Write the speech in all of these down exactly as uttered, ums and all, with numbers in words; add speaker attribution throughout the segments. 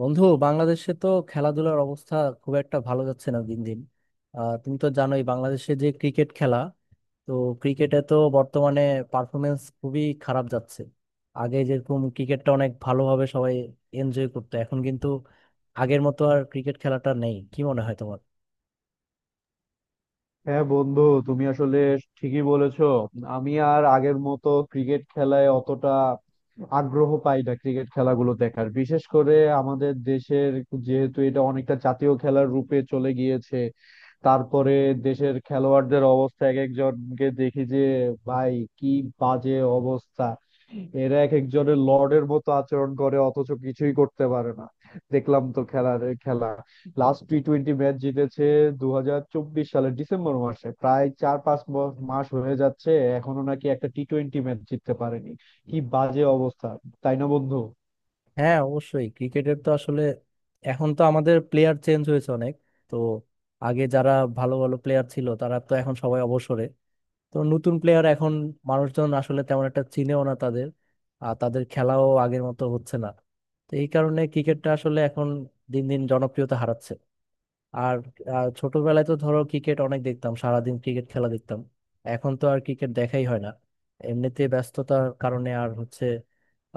Speaker 1: বন্ধু, বাংলাদেশে তো খেলাধুলার অবস্থা খুব একটা ভালো যাচ্ছে না দিন দিন। আহ, তুমি তো জানোই বাংলাদেশে যে ক্রিকেট খেলা, তো ক্রিকেটে তো বর্তমানে পারফরমেন্স খুবই খারাপ যাচ্ছে। আগে যেরকম ক্রিকেটটা অনেক ভালোভাবে সবাই এনজয় করতো, এখন কিন্তু আগের মতো আর ক্রিকেট খেলাটা নেই। কি মনে হয় তোমার?
Speaker 2: হ্যাঁ বন্ধু, তুমি আসলে ঠিকই বলেছো। আমি আর আগের মতো ক্রিকেট খেলায় অতটা আগ্রহ পাই না ক্রিকেট খেলাগুলো দেখার, বিশেষ করে আমাদের দেশের। যেহেতু এটা অনেকটা জাতীয় খেলার রূপে চলে গিয়েছে, তারপরে দেশের খেলোয়াড়দের অবস্থা এক একজনকে দেখি যে ভাই কি বাজে অবস্থা। এরা এক একজনের লর্ডের মতো আচরণ করে অথচ কিছুই করতে পারে না। দেখলাম তো খেলার খেলা, লাস্ট টি টোয়েন্টি ম্যাচ জিতেছে দু হাজার চব্বিশ সালের ডিসেম্বর মাসে, প্রায় চার পাঁচ ব- মাস হয়ে যাচ্ছে এখনো নাকি একটা টি টোয়েন্টি ম্যাচ জিততে পারেনি। কি বাজে অবস্থা, তাই না বন্ধু?
Speaker 1: হ্যাঁ অবশ্যই। ক্রিকেটের তো আসলে এখন তো আমাদের প্লেয়ার চেঞ্জ হয়েছে অনেক, তো আগে যারা ভালো ভালো প্লেয়ার ছিল তারা তো এখন সবাই অবসরে। তো নতুন প্লেয়ার এখন মানুষজন আসলে তেমন একটা চিনেও না তাদের, আর তাদের খেলাও আগের মতো হচ্ছে না। তো এই কারণে ক্রিকেটটা আসলে এখন দিন দিন জনপ্রিয়তা হারাচ্ছে। আর আহ, ছোটবেলায় তো ধরো ক্রিকেট অনেক দেখতাম, সারাদিন ক্রিকেট খেলা দেখতাম। এখন তো আর ক্রিকেট দেখাই হয় না, এমনিতে ব্যস্ততার কারণে আর হচ্ছে।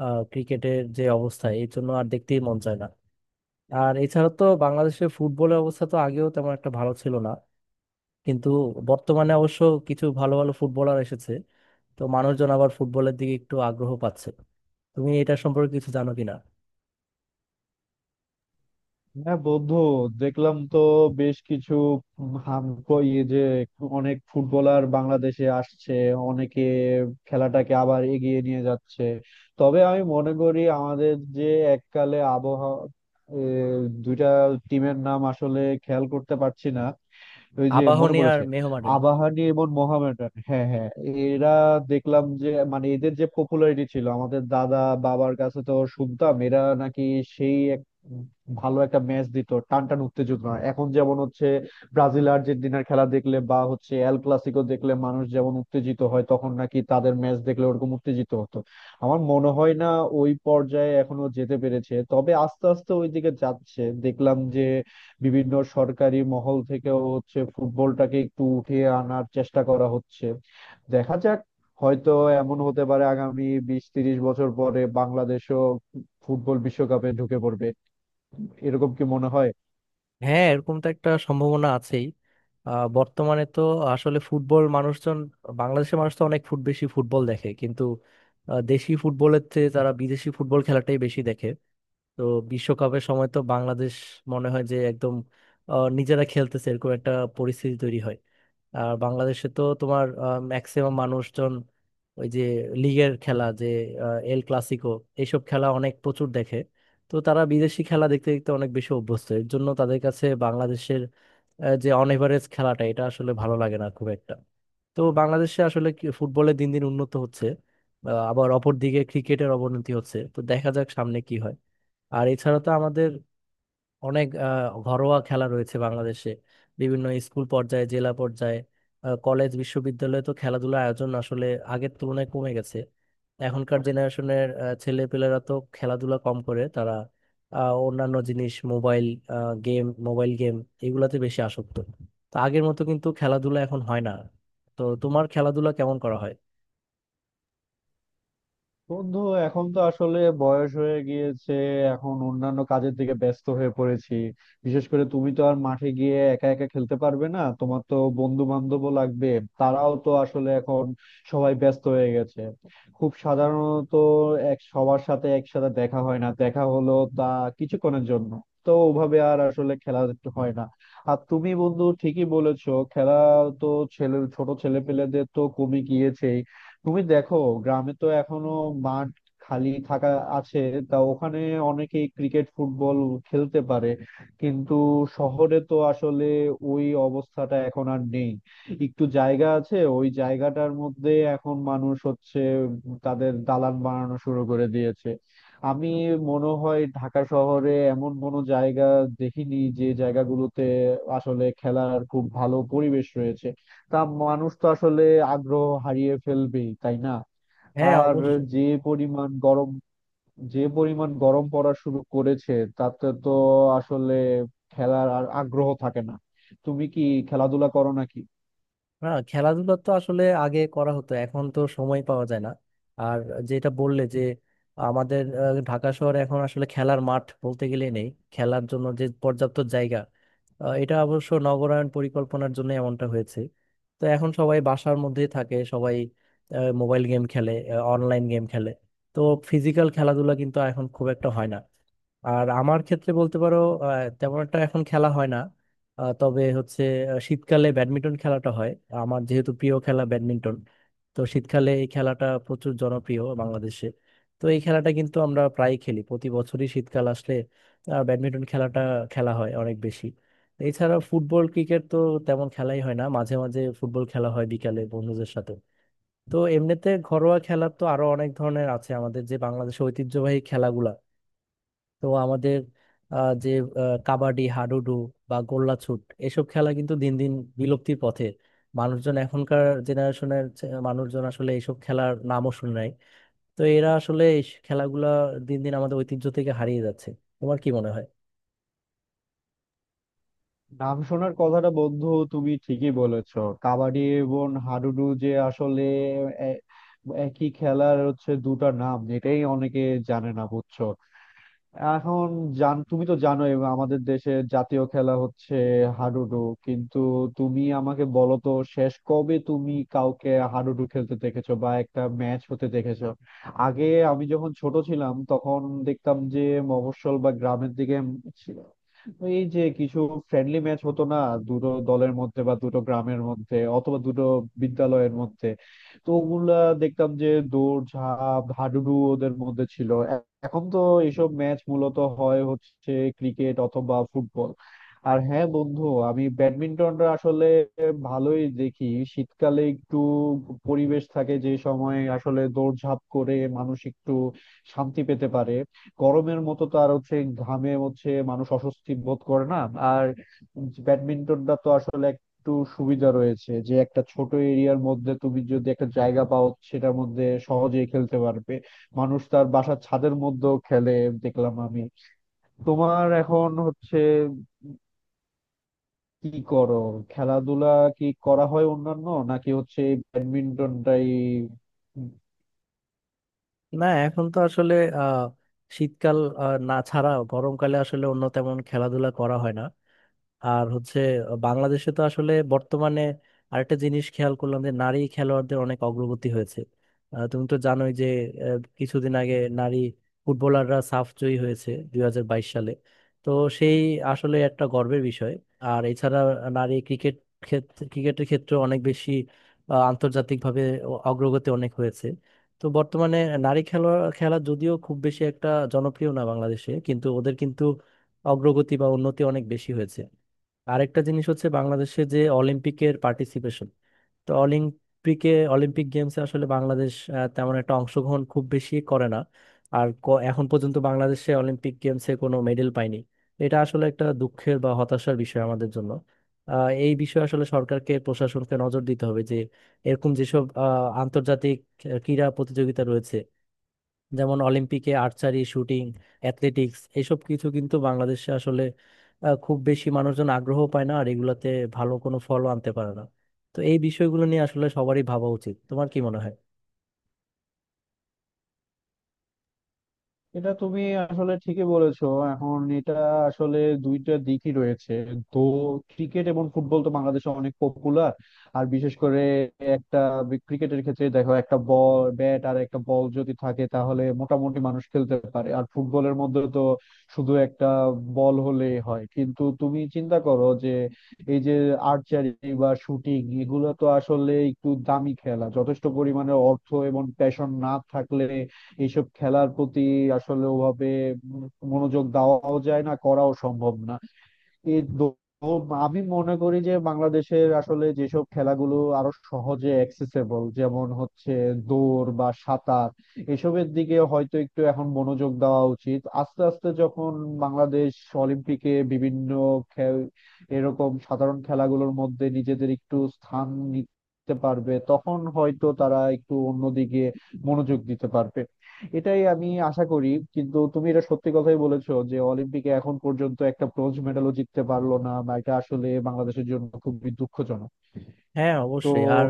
Speaker 1: আহ, ক্রিকেটের যে অবস্থা এই জন্য আর দেখতেই মন চায় না। আর এছাড়া তো বাংলাদেশের ফুটবলের অবস্থা তো আগেও তেমন একটা ভালো ছিল না, কিন্তু বর্তমানে অবশ্য কিছু ভালো ভালো ফুটবলার এসেছে। তো মানুষজন আবার ফুটবলের দিকে একটু আগ্রহ পাচ্ছে। তুমি এটা সম্পর্কে কিছু জানো কিনা?
Speaker 2: হ্যাঁ বন্ধু, দেখলাম তো বেশ কিছু হাম ইয়ে যে অনেক ফুটবলার বাংলাদেশে আসছে, অনেকে খেলাটাকে আবার এগিয়ে নিয়ে যাচ্ছে। তবে আমি মনে করি আমাদের যে এককালে আবহাওয়া এ, দুইটা টিমের নাম আসলে খেয়াল করতে পারছি না। ওই যে মনে
Speaker 1: আবাহনী আর
Speaker 2: পড়েছে,
Speaker 1: মোহামেডান।
Speaker 2: আবাহনী এবং মোহামেডান। হ্যাঁ হ্যাঁ, এরা দেখলাম যে মানে এদের যে পপুলারিটি ছিল, আমাদের দাদা বাবার কাছে তো শুনতাম এরা নাকি সেই এক ভালো একটা ম্যাচ দিত, টানটান উত্তেজনা। এখন যেমন হচ্ছে ব্রাজিল আর্জেন্টিনার খেলা দেখলে বা হচ্ছে এল ক্লাসিকো দেখলে মানুষ যেমন উত্তেজিত হয়, তখন নাকি তাদের ম্যাচ দেখলে ওরকম উত্তেজিত হতো। আমার মনে হয় না ওই পর্যায়ে এখনো যেতে পেরেছে, তবে আস্তে আস্তে ওই দিকে যাচ্ছে। দেখলাম যে বিভিন্ন সরকারি মহল থেকেও হচ্ছে ফুটবলটাকে একটু উঠিয়ে আনার চেষ্টা করা হচ্ছে। দেখা যাক, হয়তো এমন হতে পারে আগামী বিশ তিরিশ বছর পরে বাংলাদেশও ফুটবল বিশ্বকাপে ঢুকে পড়বে। এরকম কি মনে হয়?
Speaker 1: হ্যাঁ, এরকম তো একটা সম্ভাবনা আছেই। আহ, বর্তমানে তো আসলে ফুটবল মানুষজন, বাংলাদেশের মানুষ তো অনেক ফুট বেশি ফুটবল দেখে, কিন্তু আহ, দেশি ফুটবলের চেয়ে তারা বিদেশি ফুটবল খেলাটাই বেশি দেখে। তো বিশ্বকাপের সময় তো বাংলাদেশ মনে হয় যে একদম আহ, নিজেরা খেলতেছে এরকম একটা পরিস্থিতি তৈরি হয়। আর বাংলাদেশে তো তোমার ম্যাক্সিমাম মানুষজন ওই যে লিগের খেলা যে আহ, এল ক্লাসিকো, এইসব খেলা অনেক প্রচুর দেখে। তো তারা বিদেশি খেলা দেখতে দেখতে অনেক বেশি অভ্যস্ত, এর জন্য তাদের কাছে বাংলাদেশের আহ, যে অন এভারেজ খেলাটা, এটা আসলে ভালো লাগে না খুব একটা। তো বাংলাদেশে আসলে কি- ফুটবলে দিন দিন উন্নত হচ্ছে, আহ, আবার অপর দিকে ক্রিকেটের অবনতি হচ্ছে। তো দেখা যাক সামনে কি হয়। আর এছাড়া তো আমাদের অনেক আহ, ঘরোয়া খেলা রয়েছে বাংলাদেশে, বিভিন্ন স্কুল পর্যায়ে, জেলা পর্যায়ে, আহ, কলেজ বিশ্ববিদ্যালয়ে তো খেলাধুলার আয়োজন আসলে আগের তুলনায় কমে গেছে। এখনকার জেনারেশনের ছেলে পেলেরা তো খেলাধুলা কম করে, তারা আহ, অন্যান্য জিনিস, মোবাইল গেম, মোবাইল গেম এগুলাতে বেশি আসক্ত। তো আগের মতো কিন্তু খেলাধুলা এখন হয় না। তো তোমার খেলাধুলা কেমন করা হয়?
Speaker 2: বন্ধু, এখন তো আসলে বয়স হয়ে গিয়েছে, এখন অন্যান্য কাজের দিকে ব্যস্ত হয়ে পড়েছি। বিশেষ করে তুমি তো আর মাঠে গিয়ে একা একা খেলতে পারবে না, তোমার তো বন্ধু বান্ধবও লাগবে। তারাও তো আসলে এখন সবাই ব্যস্ত হয়ে গেছে। খুব সাধারণত এক সবার সাথে একসাথে দেখা হয় না, দেখা হলো তা কিছুক্ষণের জন্য। তো ওভাবে আর আসলে খেলা হয় না। আর তুমি বন্ধু ঠিকই বলেছো, খেলা তো ছেলে ছোট ছেলে পেলেদের তো কমে গিয়েছে। তুমি দেখো, গ্রামে তো এখনো মাঠ খালি থাকা আছে, তা ওখানে অনেকেই ক্রিকেট ফুটবল খেলতে পারে। কিন্তু শহরে তো আসলে ওই অবস্থাটা এখন আর নেই। একটু জায়গা আছে ওই জায়গাটার মধ্যে এখন মানুষ হচ্ছে তাদের দালান বানানো শুরু করে দিয়েছে। আমি মনে হয় ঢাকা শহরে এমন কোনো জায়গা দেখিনি যে জায়গাগুলোতে আসলে খেলার খুব ভালো পরিবেশ রয়েছে। তা মানুষ তো আসলে আগ্রহ হারিয়ে ফেলবেই, তাই না?
Speaker 1: হ্যাঁ
Speaker 2: আর যে
Speaker 1: অবশ্যই।
Speaker 2: পরিমাণ গরম যে পরিমাণ গরম পড়া শুরু করেছে তাতে তো আসলে খেলার আর আগ্রহ থাকে না। তুমি কি খেলাধুলা করো নাকি?
Speaker 1: না, খেলাধুলা তো আসলে আগে করা হতো, এখন তো সময় পাওয়া যায় না। আর যেটা বললে যে আমাদের আহ, ঢাকা শহরে এখন আসলে খেলার মাঠ বলতে গেলে নেই, খেলার জন্য যে পর্যাপ্ত জায়গা, আহ, এটা অবশ্য নগরায়ণ পরিকল্পনার জন্য এমনটা হয়েছে। তো এখন সবাই বাসার মধ্যেই থাকে, সবাই মোবাইল গেম খেলে, অনলাইন গেম খেলে। তো ফিজিক্যাল খেলাধুলা কিন্তু এখন খুব একটা হয় না। আর আমার ক্ষেত্রে বলতে পারো আহ, তেমন একটা এখন খেলা হয় না। আহ, তবে হচ্ছে, আহ, শীতকালে ব্যাডমিন্টন খেলাটা হয়। আমার যেহেতু প্রিয় খেলা ব্যাডমিন্টন, তো শীতকালে এই খেলাটা প্রচুর জনপ্রিয় বাংলাদেশে। তো এই খেলাটা কিন্তু আমরা প্রায় খেলি, প্রতি বছরই শীতকাল আসলে আহ, ব্যাডমিন্টন খেলাটা খেলা হয় অনেক বেশি। এছাড়া ফুটবল ক্রিকেট তো তেমন খেলাই হয় না, মাঝে মাঝে ফুটবল খেলা হয় বিকালে বন্ধুদের সাথে। তো এমনিতে ঘরোয়া খেলা তো আরো অনেক ধরনের আছে আমাদের, যে বাংলাদেশের ঐতিহ্যবাহী খেলাগুলা, তো আমাদের আহ, যে আহ, কাবাডি, হাডুডু বা গোল্লাছুট, এসব খেলা কিন্তু দিন দিন বিলুপ্তির পথে। মানুষজন, এখনকার জেনারেশনের মানুষজন আসলে এইসব খেলার নামও শুনে নাই। তো এরা আসলে এই খেলাগুলা দিন দিন আমাদের ঐতিহ্য থেকে হারিয়ে যাচ্ছে। তোমার কি মনে হয়?
Speaker 2: নাম শোনার কথাটা বন্ধু, তুমি ঠিকই বলেছো। কাবাডি এবং হাডুডু যে আসলে এ- একই খেলার হচ্ছে দুটো নাম, এটাই অনেকে জানে না, বুঝছো। এখন জান, তুমি তো জানোই আমাদের দেশের জাতীয় খেলা হচ্ছে হাডুডু। কিন্তু তুমি আমাকে বলো তো শেষ কবে তুমি কাউকে হাডুডু খেলতে দেখেছো বা একটা ম্যাচ হতে দেখেছো। আগে আমি যখন ছোট ছিলাম তখন দেখতাম যে মফস্বল বা গ্রামের দিকে ছিল এই যে কিছু ফ্রেন্ডলি ম্যাচ হতো না, দুটো দলের মধ্যে বা দুটো গ্রামের মধ্যে অথবা দুটো বিদ্যালয়ের মধ্যে। তো ওগুলা দেখতাম যে দৌড় ঝাঁপ হাডুডু ওদের মধ্যে ছিল। এখন তো এইসব ম্যাচ মূলত হয় হচ্ছে ক্রিকেট অথবা ফুটবল। আর হ্যাঁ বন্ধু, আমি ব্যাডমিন্টনটা আসলে ভালোই দেখি। শীতকালে একটু পরিবেশ থাকে যে সময় আসলে দৌড়ঝাঁপ করে মানুষ একটু শান্তি পেতে পারে। গরমের মতো তো আর হচ্ছে ঘামে হচ্ছে মানুষ অস্বস্তি বোধ করে না। আর ব্যাডমিন্টনটা তো আসলে একটু সুবিধা রয়েছে যে একটা ছোট এরিয়ার মধ্যে তুমি যদি একটা জায়গা পাও সেটার মধ্যে সহজেই খেলতে পারবে। মানুষ তার বাসার ছাদের মধ্যেও খেলে, দেখলাম আমি। তোমার এখন হচ্ছে কি করো খেলাধুলা, কি করা হয়, অন্যান্য নাকি হচ্ছে ব্যাডমিন্টনটাই?
Speaker 1: না, এখন তো আসলে আহ শীতকাল আহ, না ছাড়া গরমকালে আসলে অন্য তেমন খেলাধুলা করা হয় না। আর হচ্ছে, বাংলাদেশে তো আসলে বর্তমানে আরেকটা জিনিস খেয়াল করলাম যে নারী খেলোয়াড়দের অনেক অগ্রগতি হয়েছে। আহ, তুমি তো জানোই যে আহ, কিছুদিন আগে নারী ফুটবলাররা সাফ জয়ী হয়েছে দুই হাজার বাইশ সালে। তো সেই আসলে একটা গর্বের বিষয়। আর এছাড়া নারী ক্রিকেট ক্ষেত্রে ক্রিকেটের ক্ষেত্রে অনেক বেশি আহ, আন্তর্জাতিকভাবে অ- অগ্রগতি অনেক হয়েছে। তো বর্তমানে নারী খেলা খেলা যদিও খুব বেশি একটা জনপ্রিয় না বাংলাদেশে, কিন্তু ওদের কিন্তু অগ্রগতি বা উন্নতি অনেক বেশি হয়েছে। আরেকটা জিনিস হচ্ছে বাংলাদেশে যে অলিম্পিকের পার্টিসিপেশন। তো অলিম্পিকে, অলিম্পিক গেমসে আসলে বাংলাদেশ আহ, তেমন একটা অংশগ্রহণ খুব বেশি করে না। আর ক- এখন পর্যন্ত বাংলাদেশে অলিম্পিক গেমসে কোনো মেডেল পায়নি। এটা আসলে একটা দুঃখের বা হতাশার বিষয় আমাদের জন্য। আহ, এই বিষয়ে আসলে সরকারকে, প্রশাসনকে নজর দিতে হবে যে এরকম যেসব আহ, আন্তর্জাতিক ক্রীড়া প্রতিযোগিতা রয়েছে, যেমন অলিম্পিকে আর্চারি, শুটিং, অ্যাথলেটিক্স, এসব কিছু কিন্তু বাংলাদেশে আসলে আহ, খুব বেশি মানুষজন আগ্রহ পায় না আর এগুলাতে ভালো কোনো ফলও আনতে পারে না। তো এই বিষয়গুলো নিয়ে আসলে সবারই ভাবা উচিত। তোমার কি মনে হয়?
Speaker 2: এটা তুমি আসলে ঠিকই বলেছো। এখন এটা আসলে দুইটা দিকই রয়েছে। তো ক্রিকেট এবং ফুটবল তো বাংলাদেশে অনেক পপুলার। আর বিশেষ করে একটা বি- ক্রিকেটের ক্ষেত্রে দেখো একটা বল ব্যাট আর একটা বল যদি থাকে তাহলে মোটামুটি মানুষ খেলতে পারে। আর ফুটবলের মধ্যে তো শুধু একটা বল হলেই হয়। কিন্তু তুমি চিন্তা করো যে এই যে আর্চারি বা শুটিং এগুলো তো আসলে একটু দামি খেলা, যথেষ্ট পরিমাণে অর্থ এবং প্যাশন না থাকলে এইসব খেলার প্রতি আসলে ওভাবে উম মনোযোগ দেওয়াও যায় না, করাও সম্ভব না। এই দো- তো আমি মনে করি যে বাংলাদেশের আসলে যেসব খেলাগুলো আরো সহজে অ্যাক্সেসেবল যেমন হচ্ছে দৌড় বা সাঁতার, এসবের দিকে হয়তো একটু এখন মনোযোগ দেওয়া উচিত। আস্তে আস্তে যখন বাংলাদেশ অলিম্পিকে বিভিন্ন খে- এরকম সাধারণ খেলাগুলোর মধ্যে নিজেদের একটু স্থান নিতে পারবে, তখন হয়তো তারা একটু অন্যদিকে মনোযোগ দিতে পারবে। এটাই আমি আশা করি। কিন্তু তুমি এটা সত্যি কথাই বলেছো যে অলিম্পিকে এখন পর্যন্ত একটা ব্রোঞ্জ মেডালও জিততে পারলো না, বা এটা আসলে বাংলাদেশের জন্য খুবই দুঃখজনক।
Speaker 1: হ্যাঁ
Speaker 2: তো
Speaker 1: অবশ্যই। আর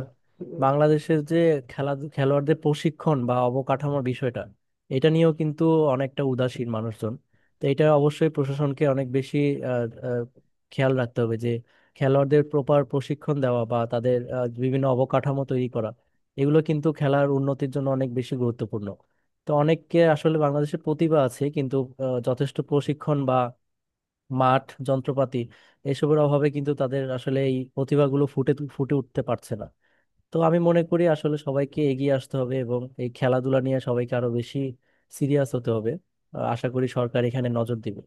Speaker 1: বাংলাদেশের যে খেলা, খেলোয়াড়দের প্রশিক্ষণ বা অবকাঠামোর বিষয়টা, এটা নিয়েও কিন্তু অনেকটা উদাসীন মানুষজন। তো এটা অবশ্যই প্রশাসনকে অনেক বেশি আহ, আহ, খেয়াল রাখতে হবে যে খেলোয়াড়দের প্রপার প্রশিক্ষণ দেওয়া বা তাদের আহ, বিভিন্ন অবকাঠামো তৈরি করা, এগুলো কিন্তু খেলার উন্নতির জন্য অনেক বেশি গুরুত্বপূর্ণ। তো অনেককে আসলে, বাংলাদেশের প্রতিভা আছে কিন্তু আহ, যথেষ্ট প্রশিক্ষণ বা মাঠ, যন্ত্রপাতি এসবের অভাবে কিন্তু তাদের আসলে এই প্রতিভাগুলো ফুটে তু- ফুটে উঠতে পারছে না। তো আমি মনে করি আসলে সবাইকে এগিয়ে আসতে হবে, এবং এই খেলাধুলা নিয়ে সবাইকে আরো বেশি সিরিয়াস হতে হবে। আহ, আশা করি সরকার এখানে নজর দিবে।